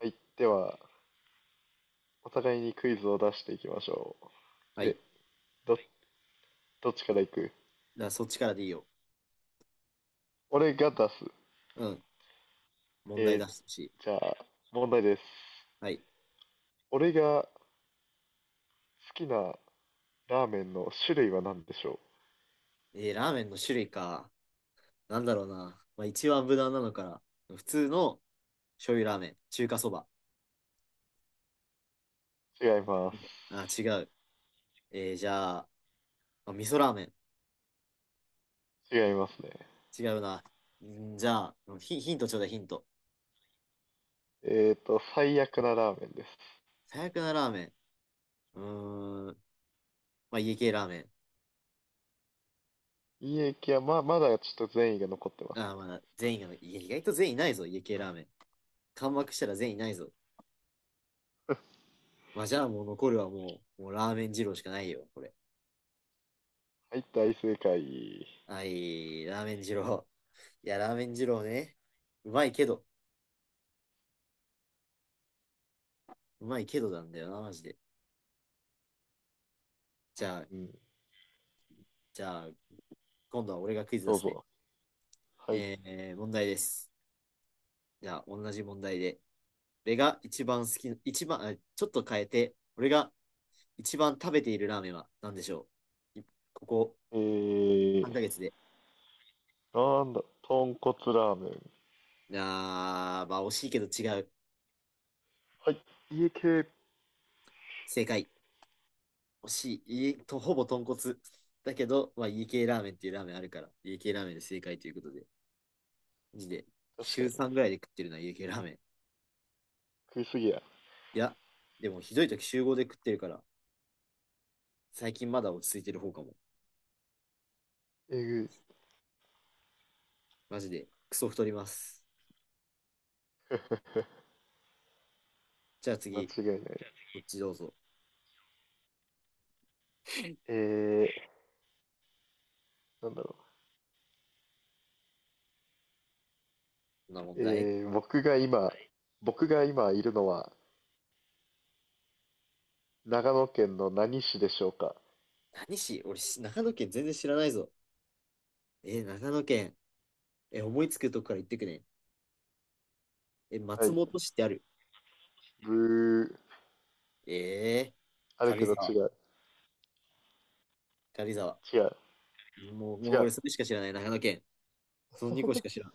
はい、では、お互いにクイズを出していきましょはう。い。ど、どっちからいく？だそっちからでいいよ。俺が出す。うん。問題え出してほしい。ーじゃあ、問題です。はい。俺が好きなラーメンの種類は何でしょラーメンの種類か。なんだろうな。まあ、一番無難なのから。普通の醤油ラーメン。中華そば。う？違います。あ、違う。じゃあ、あ、味噌ラーメン。違いますね。違うな。んじゃあ、ヒントちょうだい、ヒント。えっと、最悪なラーメンです。最悪なラーメン。うーん。まあ、家系ラーメン。いい駅は、まだちょっと善意が残ってます。あー、まだ全員が、いや意外と全員いないぞ、家系ラーメン。完幕したら全員いないぞ。まあ、じゃあもう残るはもう、もうラーメン二郎しかないよ、これ。はい、大正解。はい、ラーメン二郎。いや、ラーメン二郎ね。うまいけど、うまいけどなんだよな、マジで。じゃあ、うん、じゃあ、今度は俺がクイズ出どうすね。ぞ。はい。問題です。じゃあ、同じ問題で。俺が一番好き、一番、あちょっと変えて、俺が一番食べているラーメンは何でしょういここえ3ー、ヶ月で。なんだ、豚骨ラーメン。あー、まあ惜しいけど違う。はい、家系。確正解。惜しい。いいと、ほぼ豚骨。だけど、まあ家系ラーメンっていうラーメンあるから、家系ラーメンで正解ということで。マジで、か週に。3ぐらいで食ってるな、家系ラーメン。食いすぎや。いや、でもひどい時週5で食ってるから、最近まだ落ち着いてる方かも。えぐい。マジで、クソ太ります。じゃあ間次、違いない。こっちどうぞ。えー、なんだろこんな問う。題。僕が今いるのは、長野県の何市でしょうか？何し、俺長野県全然知らないぞ。長野県。思いつくとこから言ってくね。は松い。本市ってある。ブー。えー、ある軽け井ど沢、違う。軽井沢。違う。もう、も違う俺う。それしか知らない、長野県。その2個しか知らん。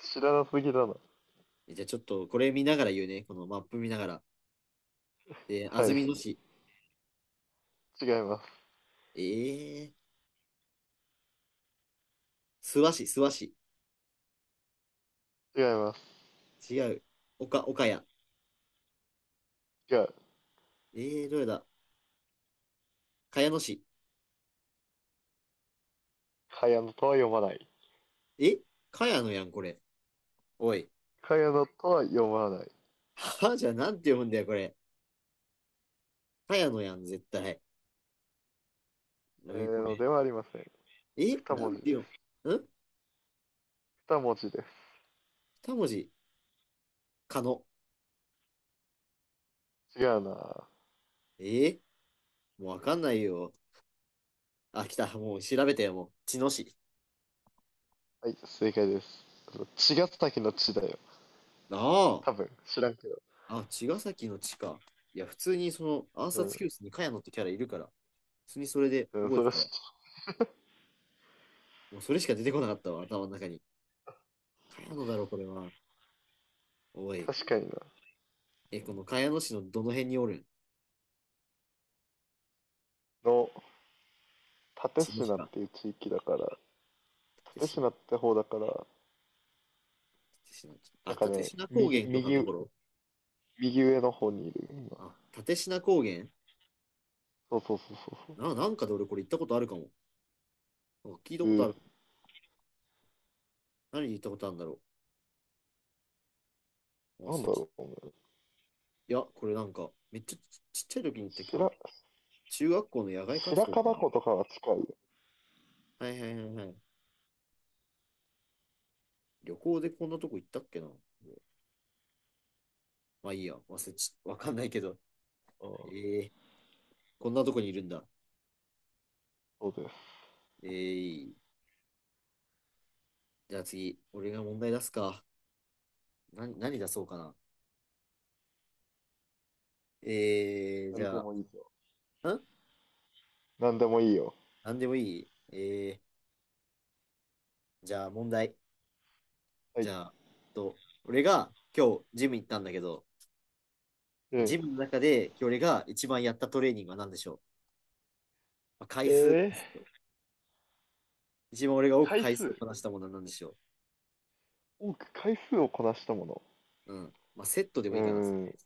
知らなすぎだな。じゃあちょっとこれ見ながら言うね。このマップ見ながら。安はい。曇野市。違います。えー、諏訪市、諏訪市。違います。違う。岡谷。違う。どれだ。茅野市。かやのとは読まない。え茅野やん、これ。おい。かやのとは読まない。じゃあ、なんて読むんだよ、これ。茅野やん、絶対。えおい、こー、のれ。ではありません。二な文ん字てです。読むん。二文字で二文字。かの。す。違う。なはえもうわかんないよ。あ、来た。もう調べてよ、もう。茅野市。い、正解です。あの茅ヶ崎の地だよ。あ多分、知らんけど。あ。あ、茅ヶ崎の地か。いや、普通に暗う殺ん。教室に茅野ってキャラいるから、普通にそれでうん、覚えそれてはた知っわ。てもうそれしか出てこなかったわ、頭の中に。茅野だろ、これは。おい。確かにな。この茅野市のどの辺におるん。の、蓼茅野市科っか。ていう地域だから、立蓼科、科って方だから、立科。なあ、んかね、立科高右、原とかのと右、ころ。右上の方にいる今。あ、立科高原。そうそうそうそうなんかで俺これ行ったことあるかも。なんか聞いたそう。こうとあー、る。何に行ったことあるんだろう。な忘んれだちろう、おいや、これなんか、めっちゃちっちゃい時に行った、あ、白、中学校の野外白活動か樺な。湖とかは近いよ。はいはいはいはい。旅行でこんなとこ行ったっけな。まあいいや、忘れち、わかんないけど。あえあ、ー、こんなとこにいるんだ。そうです。えー、じゃあ次、俺が問題出すか。何出そうかな。なじんでゃあ、もいいぞ。んなんでもいいよ。なんでもいい。えじゃあ問題。はじい。ゃあ、と、俺が今日ジム行ったんだけど、うジん。ムの中で今日俺が一番やったトレーニングは何でしょう、まあ、え回数でー、す。一番俺が多く回回数を数。こなしたものは何でしょ多く回数をこなしたもの。う。うん。まあ、セットでもうーいいかな。ん。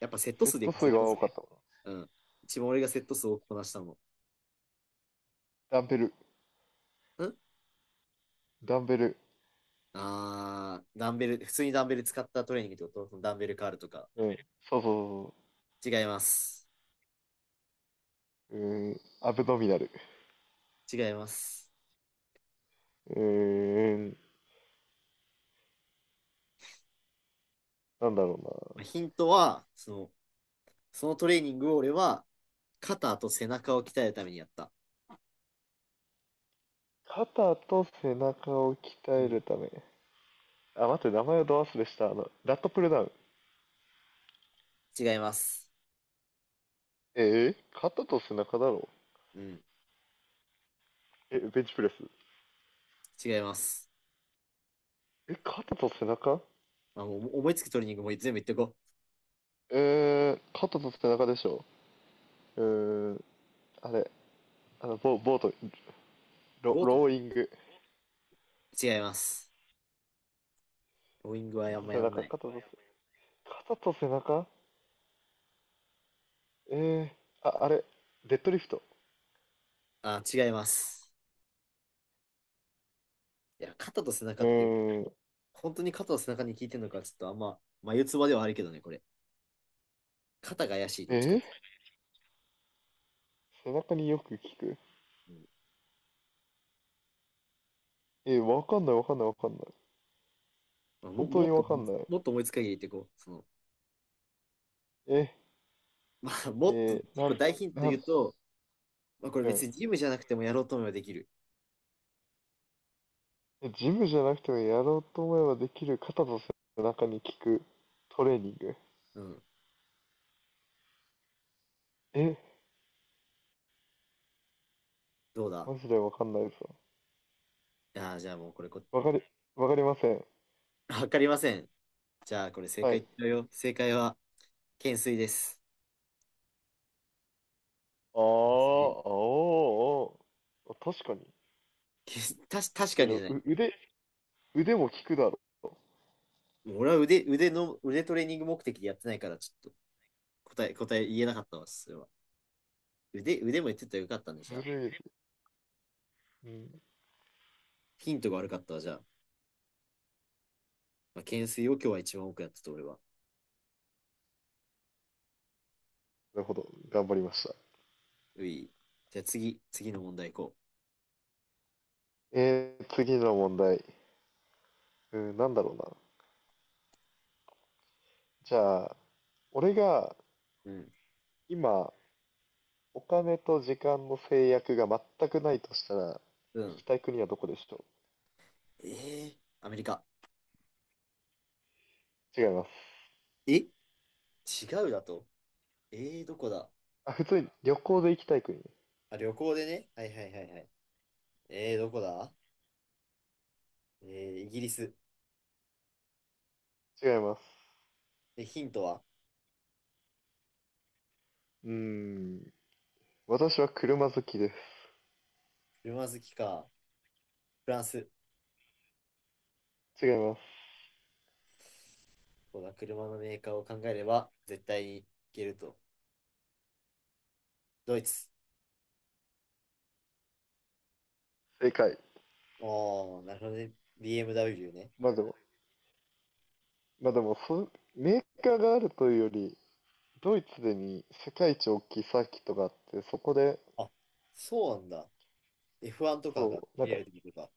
やっぱセットセッ数でいトこう、セ数ッがト数。多かったもの。うん。一番俺がセット数を多くこなしたもダンベル。の。ダンベル。あー、ダンベル、普通にダンベル使ったトレーニングってことダンベルカールとか。うん。そうそうそう違います。そう。うーん。アブドミナル。違います。うーん。なんだろうまな。あ、ヒントは、そのトレーニングを俺は、肩と背中を鍛えるためにやった。肩と背中を鍛うえん。るため。あ、待って、名前をど忘れした。あの、ラットプルダウン。違います。えー、肩と背中だろ？うん。え、ベンチプレス。違います。え、肩と背中？まあ、もう思いつくトレーニングも全部言ってこう。えー、肩と背中でしょ。うーん、あれ、あの、ボボート、ロボートもローイング。違います。ローイングは肩あんとま背やん中、ない。肩と背、肩と背中？えー、あ、あれ、デッドリフト。あ、違います。いや、肩と背う中って、ーん、本当に肩と背中に効いてるのか、ちょっとあんま、眉唾ではあるけどね、これ。肩が怪しい、どえっちかっー、て。背中によく効く。うん。えー、わかんないわかんないわかんない。まあ、本当にわかんない。もっと思いつく限り言ってこう。その、え まあ、もっと、えー、結な構ん、大ヒントな言ん、うと、まあ、これうん。別にジムじゃなくてもやろうと思えばできる。えジムじゃなくてもやろうと思えばできる肩と背中に効くトレーニング。うん。え、どうだ。マジでわかんないぞ。ああ、じゃあもうこれこっ。 わかり、わかりません。わかりません。じゃあ、これ正は解い。言っちゃうよ。正解は、懸垂です。ああ、お懸垂ー、おー。あ確かに。けたし、確いかや、でにじもゃない。う腕、腕も効くだろう。もう俺は腕のトレーニング目的でやってないから、ちょっと答え言えなかったわ、それは。腕も言ってたらよかったんで、じゃずあ。るい。うん。ヒントが悪かったわ、じゃあ。まあ、懸垂を今日は一番多くやってた、俺は。なるほど。頑張りました。うい。じゃあ次、次の問題行こえー、次の問題。うん、なんだろうな。じゃあ、俺がう。うん。今、お金と時間の制約が全くないとしたら、う行ん。きたい国はどこでしょえアメリカ。う？違います。え違うだと。えどこだ。あ、普通に旅行で行きたい国。あ、旅行でね。はいはいはいはい。どこだ。えイギリス。違います。で、ヒントはうーん、私は車好きで車好きか、フランス、す。違います。こう車のメーカーを考えれば絶対にいけると。ドイツ。正解。ああなるほどね。BMW ね。まあでも、まあでも、メーカーがあるというより、ドイツでに世界一大きいサーキットがあって、そこで、あ、そうなんだ。F1 とかがそう、なん見えか るってことか。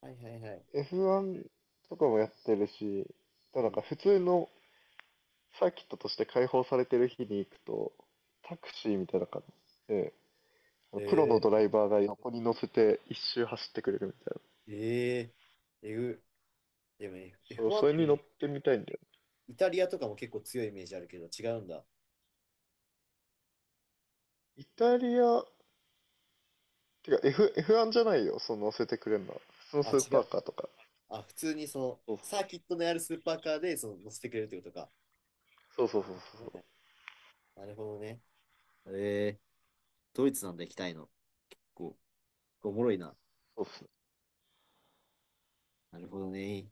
はいはいはい。F1 とかもやってるし、でうもなんかん。普通のサーキットとして開放されてる日に行くと、タクシーみたいな感じで、プロのドえライバーが横に乗せて一周走ってくれるみたいな。ー、ええぐ。でも そ F- う、1そっれてに乗イってみたいんだよね。イタリアとかも結構強いイメージあるけど違うんだ。イタリア、てか F、F1 じゃないよ、その乗せてくれるのは。普通のあ、スー違パう。ーカーとか。あ、普通にそのそうサーキットのあるスーパーカーでその乗せてくれるってことか。そうそうそうそはいはう。い。なるほどね。えー、ドイツなんだ、行きたいの。こおもろいな。そうっすねなるほどね。